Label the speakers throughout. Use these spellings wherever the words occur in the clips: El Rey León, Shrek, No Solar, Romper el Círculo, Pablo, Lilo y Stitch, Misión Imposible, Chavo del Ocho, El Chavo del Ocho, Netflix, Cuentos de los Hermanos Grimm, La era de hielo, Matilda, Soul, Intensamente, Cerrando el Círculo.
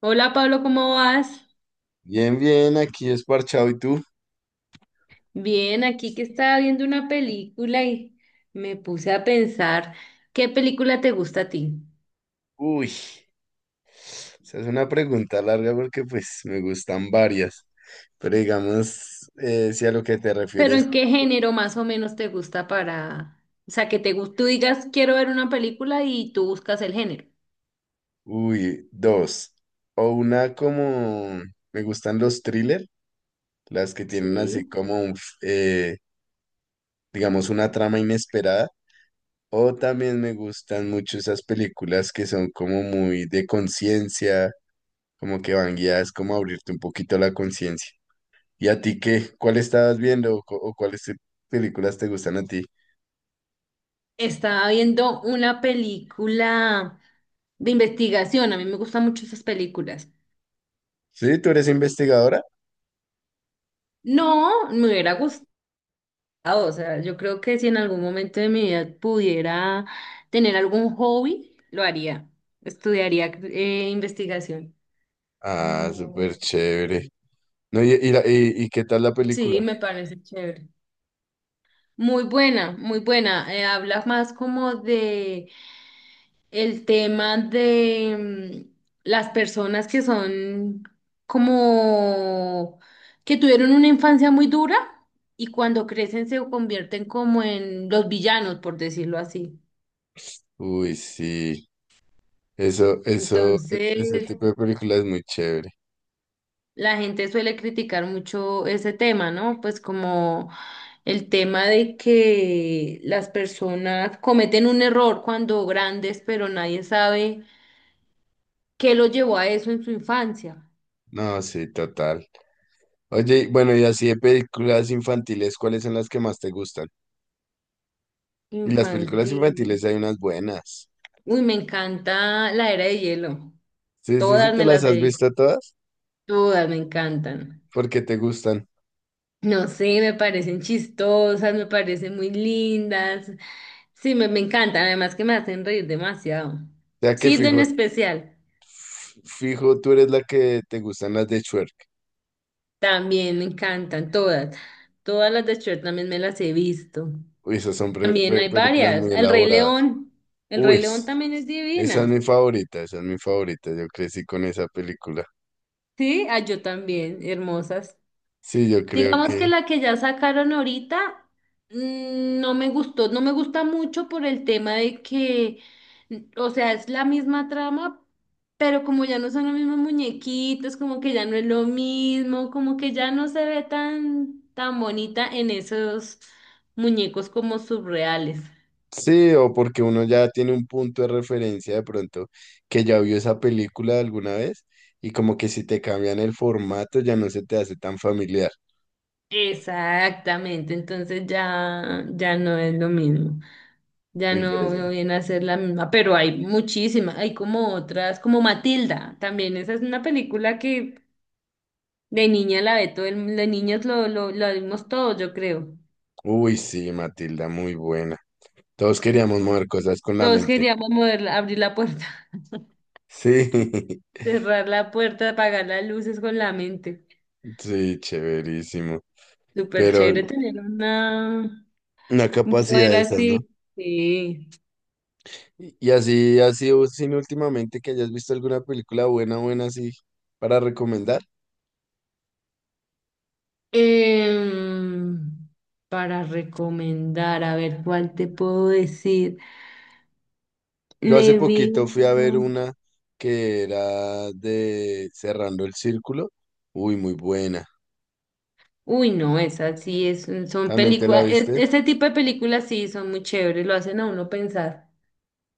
Speaker 1: Hola Pablo, ¿cómo vas?
Speaker 2: Bien, bien, aquí es parchado. ¿Y tú?
Speaker 1: Bien, aquí que estaba viendo una película y me puse a pensar qué película te gusta a ti,
Speaker 2: Uy, esa es una pregunta larga porque pues me gustan varias. Pero digamos, si a lo que te
Speaker 1: pero
Speaker 2: refieres,
Speaker 1: en qué género más o menos te gusta para, o sea, que tú digas quiero ver una película y tú buscas el género.
Speaker 2: uy, dos. O una como, me gustan los thriller, las que tienen así
Speaker 1: Sí.
Speaker 2: como, digamos, una trama inesperada. O también me gustan mucho esas películas que son como muy de conciencia, como que van guiadas como a abrirte un poquito la conciencia. ¿Y a ti qué? ¿Cuál estabas viendo o, o cuáles películas te gustan a ti?
Speaker 1: Estaba viendo una película de investigación, a mí me gustan mucho esas películas.
Speaker 2: Sí, tú eres investigadora.
Speaker 1: No, me hubiera gustado. Ah, o sea, yo creo que si en algún momento de mi vida pudiera tener algún hobby, lo haría. Estudiaría investigación.
Speaker 2: Ah, súper chévere. No, ¿y qué tal la
Speaker 1: Sí,
Speaker 2: película?
Speaker 1: me parece chévere. Muy buena, muy buena. Habla más como de el tema de mm, las personas que son como que tuvieron una infancia muy dura y cuando crecen se convierten como en los villanos, por decirlo así.
Speaker 2: Uy, sí. Ese
Speaker 1: Entonces,
Speaker 2: tipo de película es muy chévere.
Speaker 1: la gente suele criticar mucho ese tema, ¿no? Pues como el tema de que las personas cometen un error cuando grandes, pero nadie sabe qué lo llevó a eso en su infancia.
Speaker 2: No, sí, total. Oye, y bueno, y así de películas infantiles, ¿cuáles son las que más te gustan? Y las películas
Speaker 1: Infantil.
Speaker 2: infantiles hay unas buenas.
Speaker 1: Uy, me encanta la era de hielo.
Speaker 2: Sí, sí, sí,
Speaker 1: Todas
Speaker 2: ¿te
Speaker 1: me
Speaker 2: las
Speaker 1: las he
Speaker 2: has
Speaker 1: visto,
Speaker 2: visto todas
Speaker 1: todas me encantan.
Speaker 2: porque te gustan?
Speaker 1: No sé, me parecen chistosas, me parecen muy lindas. Sí, me encantan, además que me hacen reír demasiado.
Speaker 2: Ya que
Speaker 1: Sid en
Speaker 2: fijo,
Speaker 1: especial.
Speaker 2: fijo, tú eres la que te gustan las de Shrek.
Speaker 1: También me encantan todas. Todas las de Shrek también me las he visto.
Speaker 2: Uy, esas son
Speaker 1: También hay
Speaker 2: películas
Speaker 1: varias.
Speaker 2: muy
Speaker 1: El Rey
Speaker 2: elaboradas.
Speaker 1: León. El Rey
Speaker 2: Uy,
Speaker 1: León también es
Speaker 2: esa es
Speaker 1: divina.
Speaker 2: mi favorita, esa es mi favorita. Yo crecí con esa película.
Speaker 1: Sí, ah, yo también. Hermosas.
Speaker 2: Sí, yo creo
Speaker 1: Digamos
Speaker 2: que
Speaker 1: que la que ya sacaron ahorita no me gustó, no me gusta mucho por el tema de que, o sea, es la misma trama, pero como ya no son los mismos muñequitos, como que ya no es lo mismo, como que ya no se ve tan bonita en esos muñecos como surreales.
Speaker 2: sí, o porque uno ya tiene un punto de referencia de pronto que ya vio esa película alguna vez y como que si te cambian el formato ya no se te hace tan familiar.
Speaker 1: Exactamente, entonces ya no es lo mismo. Ya
Speaker 2: Me
Speaker 1: no
Speaker 2: parece.
Speaker 1: viene a ser la misma, pero hay muchísimas, hay como otras, como Matilda, también esa es una película que de niña la ve todo el mundo, de niños lo vimos todos, yo creo.
Speaker 2: Uy, sí, Matilda, muy buena. Todos queríamos mover cosas con la
Speaker 1: Todos
Speaker 2: mente.
Speaker 1: queríamos moverla, abrir la puerta,
Speaker 2: Sí,
Speaker 1: cerrar la puerta, apagar las luces con la mente.
Speaker 2: sí, chéverísimo.
Speaker 1: Súper chévere
Speaker 2: Pero
Speaker 1: tener una,
Speaker 2: una
Speaker 1: un
Speaker 2: capacidad
Speaker 1: poder
Speaker 2: de esas, ¿no?
Speaker 1: así. Sí.
Speaker 2: Y o sin últimamente que hayas visto alguna película buena, buena, así, para recomendar.
Speaker 1: Em, para recomendar, a ver cuál te puedo decir.
Speaker 2: Yo
Speaker 1: Me
Speaker 2: hace
Speaker 1: vi
Speaker 2: poquito fui a
Speaker 1: una.
Speaker 2: ver una que era de Cerrando el Círculo. Uy, muy buena.
Speaker 1: Uy, no, esa sí es, son
Speaker 2: ¿También te la
Speaker 1: películas,
Speaker 2: viste?
Speaker 1: este tipo de películas sí son muy chéveres, lo hacen a uno pensar.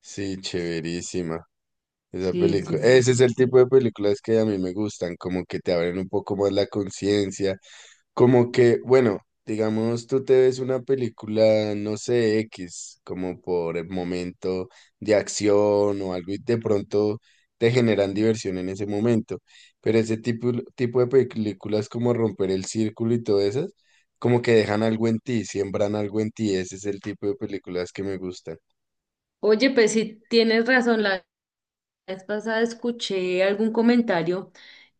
Speaker 2: Sí, chéverísima. Esa
Speaker 1: Sí, sí,
Speaker 2: película,
Speaker 1: sí,
Speaker 2: ese es
Speaker 1: sí,
Speaker 2: el tipo
Speaker 1: sí.
Speaker 2: de películas que a mí me gustan, como que te abren un poco más la conciencia, como que, bueno, digamos, tú te ves una película, no sé, X, como por el momento de acción o algo y de pronto te generan diversión en ese momento, pero ese tipo de películas como Romper el Círculo y todas esas, como que dejan algo en ti, siembran algo en ti, ese es el tipo de películas que me gustan.
Speaker 1: Oye, pues sí, tienes razón, la vez pasada escuché algún comentario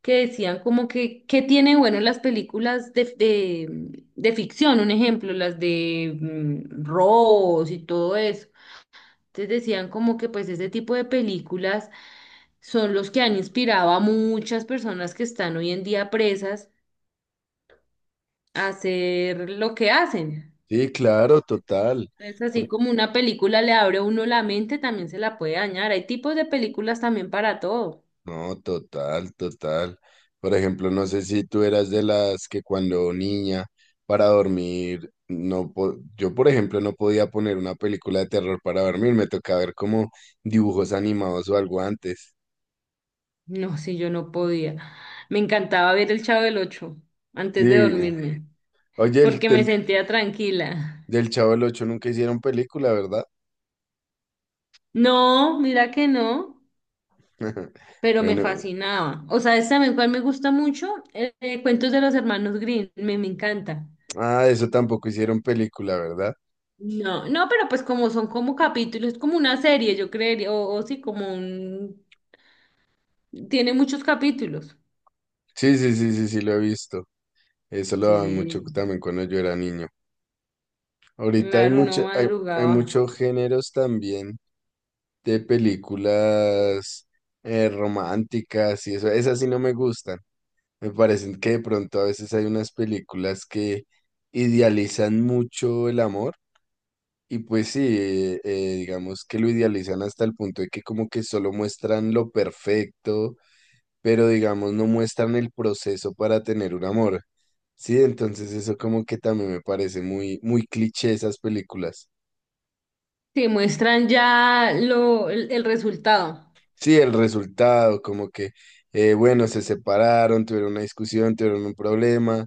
Speaker 1: que decían como que, ¿qué tienen bueno las películas de ficción? Un ejemplo, las de robos y todo eso. Entonces decían como que pues ese tipo de películas son los que han inspirado a muchas personas que están hoy en día presas hacer lo que hacen.
Speaker 2: Sí, claro, total.
Speaker 1: Es así como una película le abre a uno la mente, también se la puede dañar. Hay tipos de películas también para todo.
Speaker 2: No, total, total. Por ejemplo, no sé si tú eras de las que cuando niña para dormir, no po- yo por ejemplo no podía poner una película de terror para dormir, me tocaba ver como dibujos animados o algo antes.
Speaker 1: No, si yo no podía. Me encantaba ver El Chavo del Ocho antes de
Speaker 2: Sí.
Speaker 1: dormirme,
Speaker 2: Oye,
Speaker 1: porque me sentía tranquila.
Speaker 2: del Chavo del Ocho nunca hicieron película, ¿verdad?
Speaker 1: No, mira que no, pero me
Speaker 2: Bueno,
Speaker 1: fascinaba. O sea, es también cual me gusta mucho. Cuentos de los Hermanos Grimm, me encanta.
Speaker 2: ah, eso tampoco hicieron película, ¿verdad?
Speaker 1: No, no, pero pues como son como capítulos, es como una serie, yo creería, o sí, como un... Tiene muchos capítulos.
Speaker 2: Sí, sí, sí, sí, sí, lo he visto. Eso lo daban mucho
Speaker 1: Sí,
Speaker 2: también cuando yo era niño. Ahorita hay
Speaker 1: claro, no
Speaker 2: mucho, hay
Speaker 1: madrugaba.
Speaker 2: muchos géneros también de películas, románticas y eso, esas sí no me gustan. Me parecen que de pronto a veces hay unas películas que idealizan mucho el amor y pues sí, digamos que lo idealizan hasta el punto de que como que solo muestran lo perfecto, pero digamos no muestran el proceso para tener un amor. Sí, entonces eso como que también me parece muy, muy cliché esas películas.
Speaker 1: Sí, muestran ya el resultado.
Speaker 2: Sí, el resultado, como que, bueno, se separaron, tuvieron una discusión, tuvieron un problema,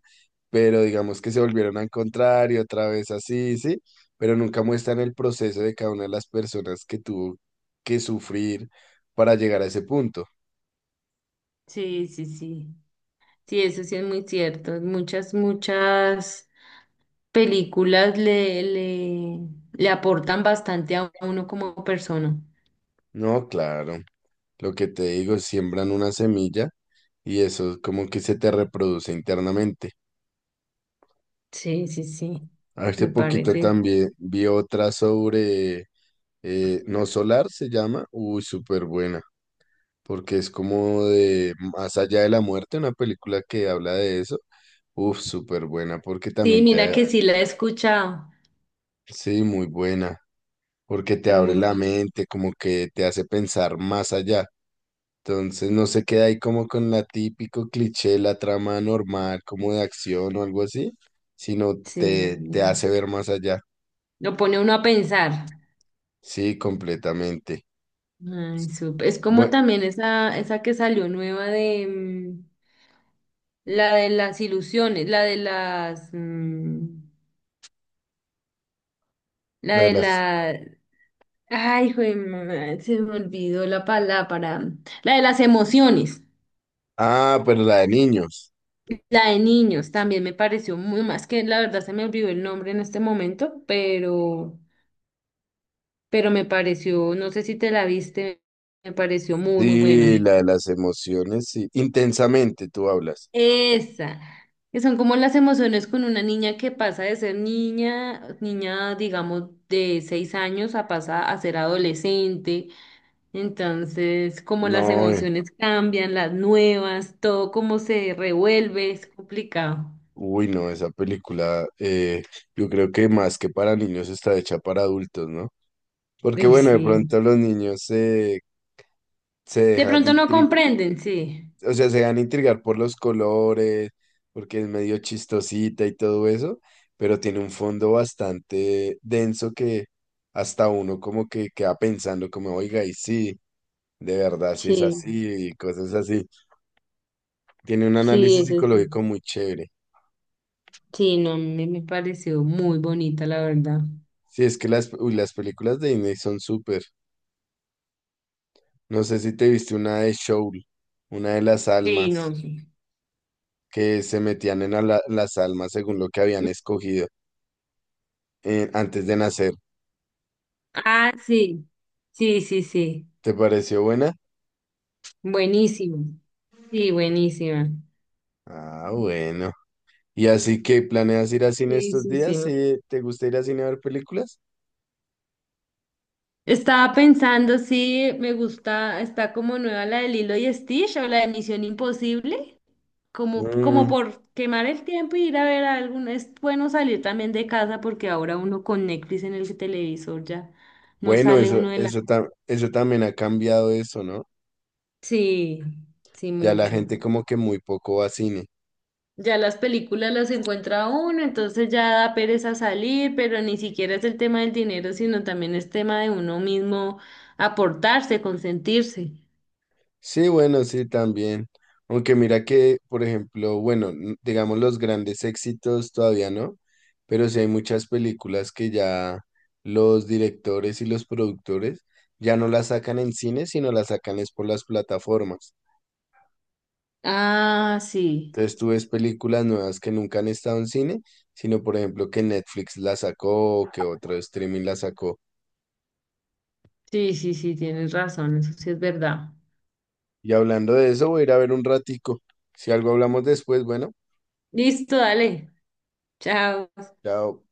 Speaker 2: pero digamos que se volvieron a encontrar y otra vez así, sí, pero nunca muestran el proceso de cada una de las personas que tuvo que sufrir para llegar a ese punto.
Speaker 1: Sí, sí, sí. Sí, eso sí es muy cierto. Muchas, muchas películas le aportan bastante a uno como persona.
Speaker 2: No, claro, lo que te digo, siembran una semilla y eso como que se te reproduce internamente.
Speaker 1: Sí, sí, sí.
Speaker 2: Hace
Speaker 1: Me
Speaker 2: poquito
Speaker 1: parece.
Speaker 2: también vi otra sobre, No Solar se llama, uy, súper buena. Porque es como de Más allá de la muerte, una película que habla de eso. Uf, súper buena, porque
Speaker 1: Sí,
Speaker 2: también
Speaker 1: mira
Speaker 2: te... Bueno,
Speaker 1: que sí la he escuchado.
Speaker 2: sí, muy buena, porque te abre la
Speaker 1: Muy,
Speaker 2: mente, como que te hace pensar más allá. Entonces no se queda ahí como con la típico cliché, la trama normal, como de acción o algo así, sino te, te
Speaker 1: sí.
Speaker 2: hace ver más allá.
Speaker 1: Lo pone uno a pensar.
Speaker 2: Sí, completamente.
Speaker 1: Ay, es como
Speaker 2: Bueno,
Speaker 1: también esa que salió nueva de la de las ilusiones, la de la
Speaker 2: la de
Speaker 1: de
Speaker 2: las...
Speaker 1: la, ay, se me olvidó la palabra, para, la de las emociones,
Speaker 2: Ah, pero la de niños.
Speaker 1: la de niños, también me pareció muy más que la verdad se me olvidó el nombre en este momento, pero me pareció, no sé si te la viste, me pareció muy, muy buena.
Speaker 2: Sí, la de las emociones, sí. Intensamente tú hablas.
Speaker 1: Esa, que son como las emociones con una niña que pasa de ser niña, niña, digamos, de 6 años a pasar a ser adolescente. Entonces, como las
Speaker 2: No,
Speaker 1: emociones cambian, las nuevas, todo como se revuelve, es complicado.
Speaker 2: uy, no, esa película, yo creo que más que para niños está hecha para adultos, ¿no? Porque
Speaker 1: Uy,
Speaker 2: bueno, de
Speaker 1: sí.
Speaker 2: pronto los niños se, se
Speaker 1: De
Speaker 2: dejan
Speaker 1: pronto no
Speaker 2: intrigar,
Speaker 1: comprenden, sí.
Speaker 2: o sea, se dejan intrigar por los colores, porque es medio chistosita y todo eso, pero tiene un fondo bastante denso que hasta uno como que queda pensando como, oiga, y sí, de verdad, sí es
Speaker 1: Sí,
Speaker 2: así, y cosas así. Tiene un
Speaker 1: sí,
Speaker 2: análisis
Speaker 1: eso
Speaker 2: psicológico
Speaker 1: sí.
Speaker 2: muy chévere.
Speaker 1: Sí, no, me pareció muy bonita, la verdad.
Speaker 2: Sí, es que las, uy, las películas de Disney son súper. No sé si te viste una de Soul, una de las
Speaker 1: Sí, no,
Speaker 2: almas,
Speaker 1: sí.
Speaker 2: que se metían en las almas según lo que habían escogido antes de nacer.
Speaker 1: Ah, sí. Sí, sí, sí.
Speaker 2: ¿Te pareció buena?
Speaker 1: Buenísimo. Sí, buenísima.
Speaker 2: Ah, bueno. ¿Y así que planeas ir a cine
Speaker 1: Sí,
Speaker 2: estos
Speaker 1: sí, sí.
Speaker 2: días? ¿Sí? ¿Te gusta ir a cine a ver películas?
Speaker 1: Estaba pensando si me gusta, está como nueva la de Lilo y Stitch o la de Misión Imposible, como
Speaker 2: Mm,
Speaker 1: por quemar el tiempo y ir a ver alguna. Es bueno salir también de casa porque ahora uno con Netflix en el televisor ya no
Speaker 2: bueno,
Speaker 1: sale uno de la...
Speaker 2: eso también ha cambiado eso, ¿no?
Speaker 1: Sí, sí,
Speaker 2: Ya la
Speaker 1: mucho.
Speaker 2: gente como que muy poco va a cine.
Speaker 1: Ya las películas las encuentra uno, entonces ya da pereza salir, pero ni siquiera es el tema del dinero, sino también es tema de uno mismo aportarse, consentirse.
Speaker 2: Sí, bueno, sí, también. Aunque mira que, por ejemplo, bueno, digamos los grandes éxitos todavía no, pero sí hay muchas películas que ya los directores y los productores ya no las sacan en cine, sino las sacan es por las plataformas.
Speaker 1: Ah, sí,
Speaker 2: Entonces tú ves películas nuevas que nunca han estado en cine, sino por ejemplo que Netflix la sacó o que otro streaming la sacó.
Speaker 1: sí, sí, sí, tienes razón, eso sí es verdad.
Speaker 2: Y hablando de eso, voy a ir a ver un ratico. Si algo hablamos después, bueno,
Speaker 1: Listo, dale, chao.
Speaker 2: chao.